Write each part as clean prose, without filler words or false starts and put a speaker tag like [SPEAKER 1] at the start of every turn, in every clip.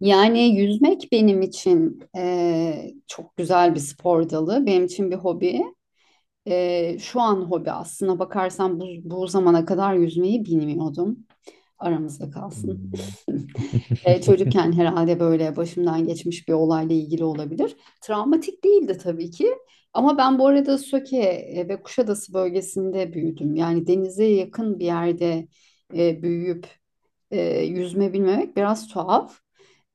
[SPEAKER 1] Yani yüzmek benim için çok güzel bir spor dalı. Benim için bir hobi. Şu an hobi aslına bakarsan bu zamana kadar yüzmeyi bilmiyordum. Aramızda kalsın.
[SPEAKER 2] Hmm.
[SPEAKER 1] Çocukken herhalde böyle başımdan geçmiş bir olayla ilgili olabilir. Travmatik değildi tabii ki. Ama ben bu arada Söke ve Kuşadası bölgesinde büyüdüm. Yani denize yakın bir yerde büyüyüp yüzme bilmemek biraz tuhaf.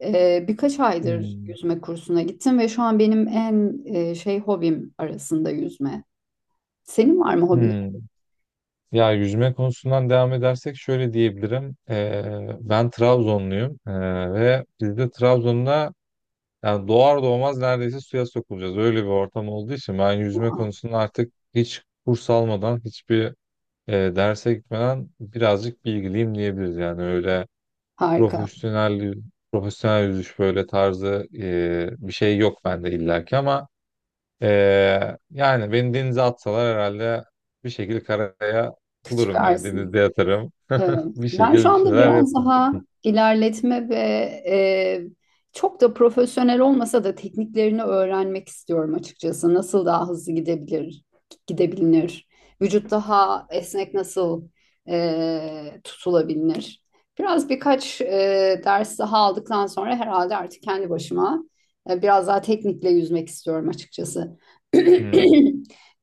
[SPEAKER 1] Birkaç aydır
[SPEAKER 2] Hmm.
[SPEAKER 1] yüzme kursuna gittim ve şu an benim en hobim arasında yüzme. Senin var mı hobilerin?
[SPEAKER 2] Hmm. Ya yüzme konusundan devam edersek şöyle diyebilirim. Ben Trabzonluyum ve biz de Trabzon'da yani doğar doğmaz neredeyse suya sokulacağız. Öyle bir ortam olduğu için ben yüzme konusunda artık hiç kurs almadan, hiçbir derse gitmeden birazcık bilgiliyim diyebiliriz. Yani öyle
[SPEAKER 1] Harika.
[SPEAKER 2] profesyonel profesyonel yüzüş böyle tarzı bir şey yok bende illaki ama Yani beni denize atsalar herhalde bir şekilde karaya bulurum yani.
[SPEAKER 1] Çıkarsın.
[SPEAKER 2] Denizde yatarım.
[SPEAKER 1] Evet.
[SPEAKER 2] Bir
[SPEAKER 1] Ben şu
[SPEAKER 2] şekilde bir
[SPEAKER 1] anda
[SPEAKER 2] şeyler
[SPEAKER 1] biraz
[SPEAKER 2] yaparım.
[SPEAKER 1] daha ilerletme ve e, çok da profesyonel olmasa da tekniklerini öğrenmek istiyorum açıkçası. Nasıl daha hızlı gidebilir, vücut daha esnek nasıl tutulabilir? Birkaç ders daha aldıktan sonra herhalde artık kendi başıma biraz daha teknikle yüzmek istiyorum açıkçası.
[SPEAKER 2] Hmm.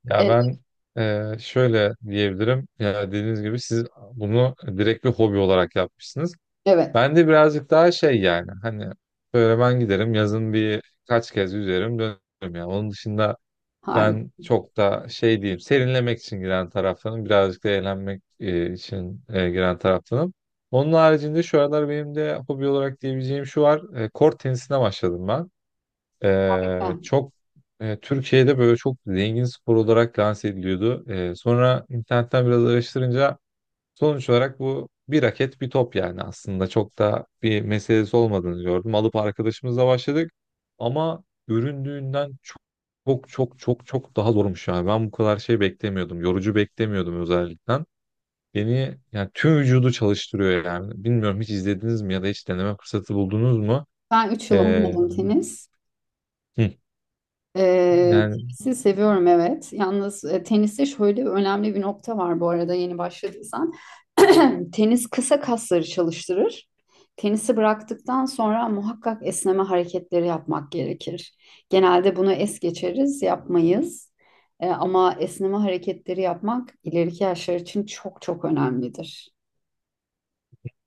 [SPEAKER 2] Ya
[SPEAKER 1] E,
[SPEAKER 2] ben şöyle diyebilirim. Ya dediğiniz gibi siz bunu direkt bir hobi olarak yapmışsınız.
[SPEAKER 1] Evet,
[SPEAKER 2] Ben de birazcık daha şey yani hani böyle ben giderim yazın bir kaç kez yüzerim dönerim ya. Onun dışında
[SPEAKER 1] harika.
[SPEAKER 2] ben çok da şey diyeyim, serinlemek için giren taraftanım. Birazcık da eğlenmek için giren taraftanım. Onun haricinde şu aralar benim de hobi olarak diyebileceğim şu var. Kort tenisine başladım ben. Çok Türkiye'de böyle çok zengin spor olarak lanse ediliyordu. Sonra internetten biraz araştırınca sonuç olarak bu bir raket bir top yani aslında çok da bir meselesi olmadığını gördüm. Alıp arkadaşımızla başladık ama göründüğünden çok çok çok çok çok daha zormuş yani. Ben bu kadar şey beklemiyordum. Yorucu beklemiyordum özellikle. Beni yani tüm vücudu çalıştırıyor yani. Bilmiyorum hiç izlediniz mi ya da hiç deneme fırsatı buldunuz mu?
[SPEAKER 1] Ben 3 yıl
[SPEAKER 2] Ee,
[SPEAKER 1] oynadım tenis.
[SPEAKER 2] hı,
[SPEAKER 1] Ee,
[SPEAKER 2] yani
[SPEAKER 1] Tenisi seviyorum, evet. Yalnız teniste şöyle önemli bir nokta var, bu arada yeni başladıysan. Tenis kısa kasları çalıştırır. Tenisi bıraktıktan sonra muhakkak esneme hareketleri yapmak gerekir. Genelde bunu es geçeriz, yapmayız. Ama esneme hareketleri yapmak ileriki yaşlar için çok çok önemlidir.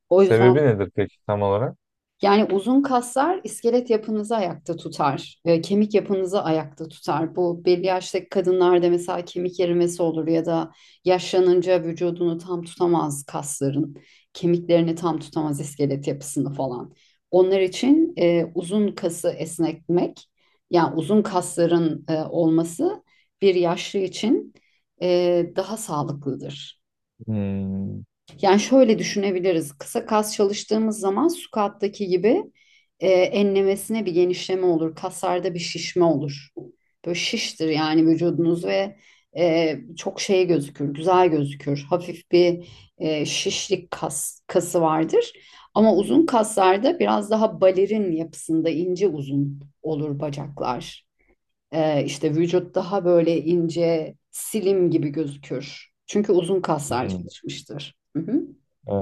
[SPEAKER 1] O
[SPEAKER 2] sebebi
[SPEAKER 1] yüzden
[SPEAKER 2] nedir peki tam olarak?
[SPEAKER 1] yani uzun kaslar iskelet yapınızı ayakta tutar, kemik yapınızı ayakta tutar. Bu belli yaştaki kadınlarda mesela kemik erimesi olur ya da yaşlanınca vücudunu tam tutamaz kasların, kemiklerini tam tutamaz iskelet yapısını falan. Onlar için uzun kası esnetmek, yani uzun kasların olması bir yaşlı için daha sağlıklıdır.
[SPEAKER 2] Hmm.
[SPEAKER 1] Yani şöyle düşünebiliriz. Kısa kas çalıştığımız zaman squat'taki gibi enlemesine bir genişleme olur. Kaslarda bir şişme olur. Böyle şiştir yani vücudunuz ve güzel gözükür. Hafif bir şişlik kası vardır. Ama uzun kaslarda biraz daha balerin yapısında ince uzun olur bacaklar. İşte vücut daha böyle ince, silim gibi gözükür. Çünkü uzun kaslar
[SPEAKER 2] Hmm.
[SPEAKER 1] çalışmıştır. Hı hı.
[SPEAKER 2] Ee,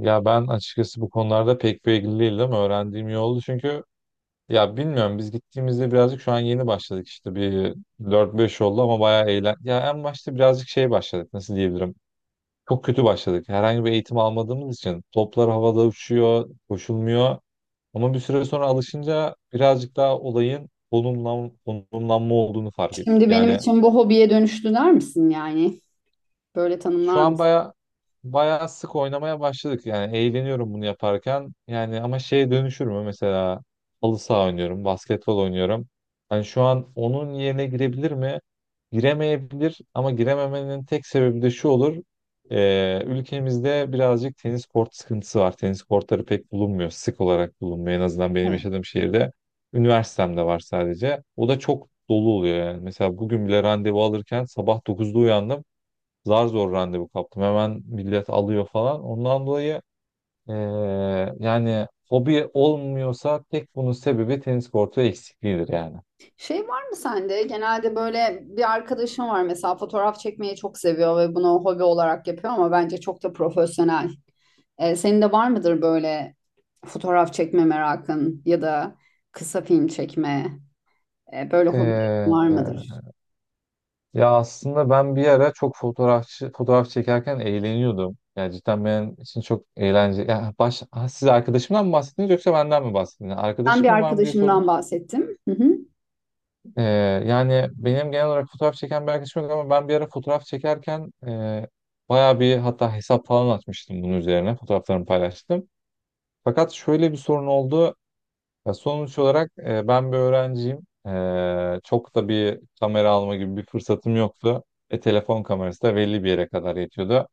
[SPEAKER 2] ya ben açıkçası bu konularda pek bilgili değilim. Öğrendiğim iyi oldu çünkü ya bilmiyorum, biz gittiğimizde birazcık şu an yeni başladık, işte bir dört beş oldu ama bayağı eğlen. Ya en başta birazcık şey başladık, nasıl diyebilirim. Çok kötü başladık. Herhangi bir eğitim almadığımız için toplar havada uçuyor, koşulmuyor. Ama bir süre sonra alışınca birazcık daha olayın konumlanma olduğunu fark ettik.
[SPEAKER 1] Şimdi benim
[SPEAKER 2] Yani
[SPEAKER 1] için bu hobiye dönüştü der misin yani? Böyle
[SPEAKER 2] şu
[SPEAKER 1] tanımlar
[SPEAKER 2] an
[SPEAKER 1] mısın?
[SPEAKER 2] baya baya sık oynamaya başladık yani, eğleniyorum bunu yaparken yani. Ama şeye dönüşür mü mesela, halı saha oynuyorum, basketbol oynuyorum, hani şu an onun yerine girebilir mi giremeyebilir. Ama girememenin tek sebebi de şu olur: ülkemizde birazcık tenis kort sıkıntısı var, tenis kortları pek bulunmuyor, sık olarak bulunmuyor en azından benim
[SPEAKER 1] Evet.
[SPEAKER 2] yaşadığım şehirde. Üniversitemde var sadece, o da çok dolu oluyor yani. Mesela bugün bile randevu alırken sabah 9'da uyandım, zar zor randevu kaptım. Hemen millet alıyor falan. Ondan dolayı eee, yani hobi olmuyorsa tek bunun sebebi tenis kortu eksikliğidir yani.
[SPEAKER 1] Şey var mı sende? Genelde böyle bir arkadaşım var mesela, fotoğraf çekmeyi çok seviyor ve bunu hobi olarak yapıyor ama bence çok da profesyonel. Senin de var mıdır böyle fotoğraf çekme merakın ya da kısa film çekme böyle hobilerin
[SPEAKER 2] Eee,
[SPEAKER 1] var mıdır?
[SPEAKER 2] ya aslında ben bir ara çok fotoğraf çekerken eğleniyordum. Yani cidden benim için çok eğlenceli. Ya ha, siz arkadaşımdan mı bahsettiniz yoksa benden mi bahsettiniz?
[SPEAKER 1] Ben bir
[SPEAKER 2] Arkadaşım mı var mı diye sordum.
[SPEAKER 1] arkadaşımdan bahsettim. Hı hı.
[SPEAKER 2] Ee, yani benim genel olarak fotoğraf çeken bir arkadaşım yok ama ben bir ara fotoğraf çekerken bayağı bir, hatta hesap falan açmıştım bunun üzerine. Fotoğraflarımı paylaştım. Fakat şöyle bir sorun oldu. Ya sonuç olarak ben bir öğrenciyim. Çok da bir kamera alma gibi bir fırsatım yoktu. Telefon kamerası da belli bir yere kadar yetiyordu.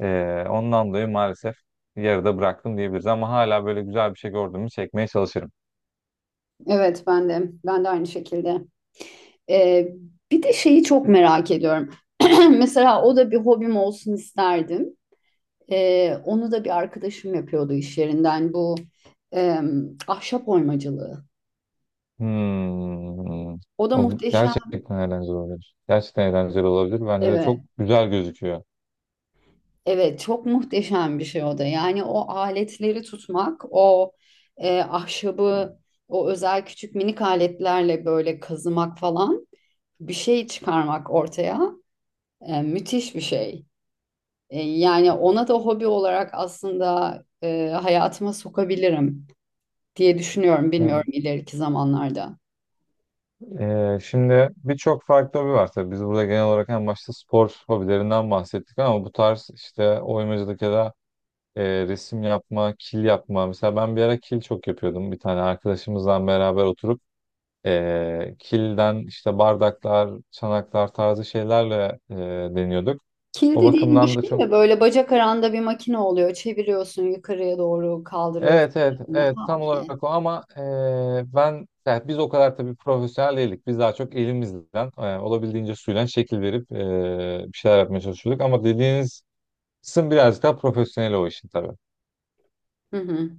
[SPEAKER 2] Ondan dolayı maalesef yarıda bıraktım diyebiliriz ama hala böyle güzel bir şey gördüğümü çekmeye çalışırım.
[SPEAKER 1] Evet, ben de aynı şekilde. Ee, Bir de şeyi çok merak ediyorum. Mesela o da bir hobim olsun isterdim. Onu da bir arkadaşım yapıyordu iş yerinden, bu ahşap oymacılığı.
[SPEAKER 2] Hmm.
[SPEAKER 1] O da
[SPEAKER 2] O
[SPEAKER 1] muhteşem.
[SPEAKER 2] gerçekten eğlenceli olabilir. Gerçekten eğlenceli olabilir. Bence de
[SPEAKER 1] Evet,
[SPEAKER 2] çok güzel gözüküyor.
[SPEAKER 1] evet çok muhteşem bir şey o da. Yani o aletleri tutmak, o ahşabı, o özel küçük minik aletlerle böyle kazımak falan, bir şey çıkarmak ortaya, müthiş bir şey. Yani ona da hobi olarak aslında hayatıma sokabilirim diye düşünüyorum.
[SPEAKER 2] Hı.
[SPEAKER 1] Bilmiyorum, ileriki zamanlarda.
[SPEAKER 2] Şimdi birçok farklı hobi var tabii. Biz burada genel olarak en başta spor hobilerinden bahsettik ama bu tarz işte oymacılık ya da resim yapma, kil yapma. Mesela ben bir ara kil çok yapıyordum. Bir tane arkadaşımızla beraber oturup kilden işte bardaklar, çanaklar tarzı şeylerle deniyorduk.
[SPEAKER 1] Kil
[SPEAKER 2] O
[SPEAKER 1] dediğin bu
[SPEAKER 2] bakımdan da
[SPEAKER 1] şey
[SPEAKER 2] çok.
[SPEAKER 1] mi? Böyle bacak aranda bir makine oluyor. Çeviriyorsun, yukarıya doğru kaldırıyorsun.
[SPEAKER 2] Evet, evet,
[SPEAKER 1] Yani,
[SPEAKER 2] evet,
[SPEAKER 1] ha,
[SPEAKER 2] tam
[SPEAKER 1] okey.
[SPEAKER 2] olarak o ama ben yani biz o kadar tabii profesyonel değildik. Biz daha çok elimizden olabildiğince suyla şekil verip bir şeyler yapmaya çalışıyorduk. Ama dediğiniz kısım birazcık daha profesyonel o işin tabii.
[SPEAKER 1] Hı hı.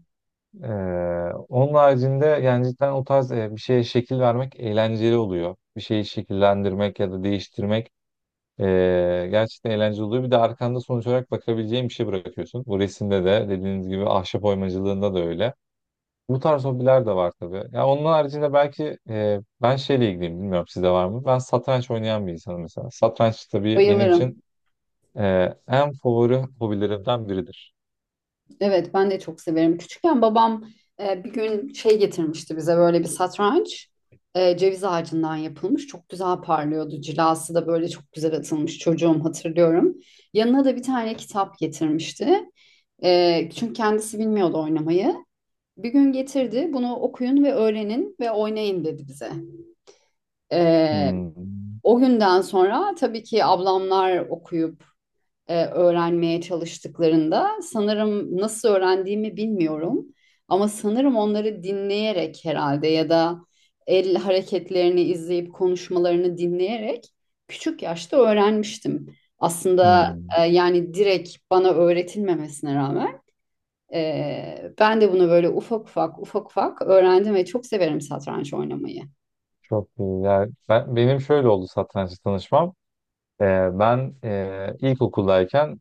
[SPEAKER 2] Onun haricinde yani cidden o tarz bir şeye şekil vermek eğlenceli oluyor. Bir şeyi şekillendirmek ya da değiştirmek gerçekten eğlenceli oluyor. Bir de arkanda sonuç olarak bakabileceğin bir şey bırakıyorsun. Bu resimde de dediğiniz gibi ahşap oymacılığında da öyle. Bu tarz hobiler de var tabii. Ya onun haricinde belki ben şeyle ilgiliyim, bilmiyorum sizde var mı? Ben satranç oynayan bir insanım mesela. Satranç tabii benim için
[SPEAKER 1] Bayılırım.
[SPEAKER 2] e, en favori hobilerimden biridir.
[SPEAKER 1] Evet, ben de çok severim. Küçükken babam bir gün şey getirmişti bize, böyle bir satranç. Ceviz ağacından yapılmış. Çok güzel parlıyordu. Cilası da böyle çok güzel atılmış, çocuğum, hatırlıyorum. Yanına da bir tane kitap getirmişti. Çünkü kendisi bilmiyordu oynamayı. Bir gün getirdi. Bunu okuyun ve öğrenin ve oynayın dedi bize. E,
[SPEAKER 2] Hmm.
[SPEAKER 1] O günden sonra tabii ki ablamlar okuyup öğrenmeye çalıştıklarında, sanırım nasıl öğrendiğimi bilmiyorum ama sanırım onları dinleyerek herhalde ya da el hareketlerini izleyip konuşmalarını dinleyerek küçük yaşta öğrenmiştim. Aslında
[SPEAKER 2] Hmm.
[SPEAKER 1] yani direkt bana öğretilmemesine rağmen ben de bunu böyle ufak ufak ufak ufak öğrendim ve çok severim satranç oynamayı.
[SPEAKER 2] Çok iyi. Yani benim şöyle oldu satrançla tanışmam. Ee, ben ilkokuldayken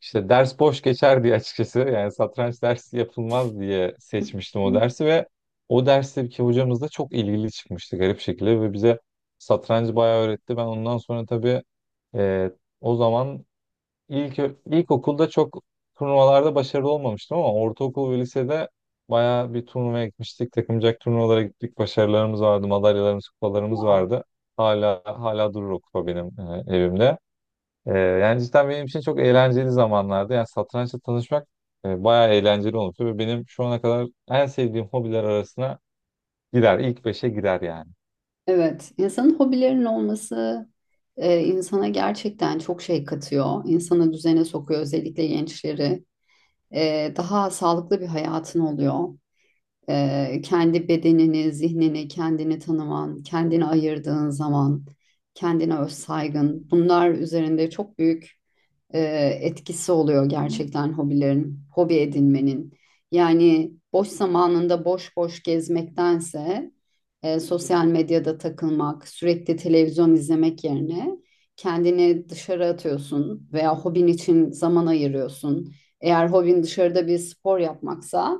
[SPEAKER 2] işte ders boş geçer diye, açıkçası yani satranç dersi yapılmaz diye seçmiştim o
[SPEAKER 1] Hı.
[SPEAKER 2] dersi ve o dersteki hocamız da çok ilgili çıkmıştı garip şekilde ve bize satrancı bayağı öğretti. Ben ondan sonra tabii e, o zaman ilk ilkokulda çok turnuvalarda başarılı olmamıştım ama ortaokul ve lisede bayağı bir turnuvaya gitmiştik. Takımcak turnuvalara gittik. Başarılarımız vardı, madalyalarımız, kupalarımız
[SPEAKER 1] Wow.
[SPEAKER 2] vardı. Hala durur o kupa benim evimde. Yani cidden benim için çok eğlenceli zamanlardı. Yani satrançla tanışmak bayağı eğlenceli olmuştu ve benim şu ana kadar en sevdiğim hobiler arasına girer. İlk beşe girer yani.
[SPEAKER 1] Evet, insanın hobilerinin olması insana gerçekten çok şey katıyor. İnsanı düzene sokuyor, özellikle gençleri. Daha sağlıklı bir hayatın oluyor. Kendi bedenini, zihnini, kendini tanıman, kendini ayırdığın zaman, kendine öz saygın. Bunlar üzerinde çok büyük e, etkisi oluyor gerçekten hobilerin, hobi edinmenin. Yani boş zamanında boş boş gezmektense, sosyal medyada takılmak, sürekli televizyon izlemek yerine kendini dışarı atıyorsun veya hobin için zaman ayırıyorsun. Eğer hobin dışarıda bir spor yapmaksa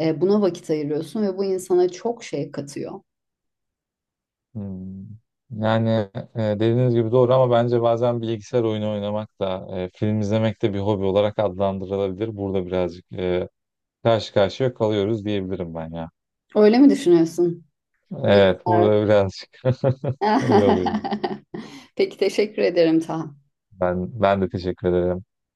[SPEAKER 1] buna vakit ayırıyorsun ve bu insana çok şey katıyor.
[SPEAKER 2] Hmm. Yani dediğiniz gibi doğru ama bence bazen bilgisayar oyunu oynamak da film izlemek de bir hobi olarak adlandırılabilir. Burada birazcık karşı karşıya kalıyoruz diyebilirim ben ya.
[SPEAKER 1] Öyle mi düşünüyorsun?
[SPEAKER 2] Evet,
[SPEAKER 1] Bilgisayar.
[SPEAKER 2] burada birazcık öyle oluyor.
[SPEAKER 1] Peki, teşekkür ederim Taha.
[SPEAKER 2] Ben de teşekkür ederim.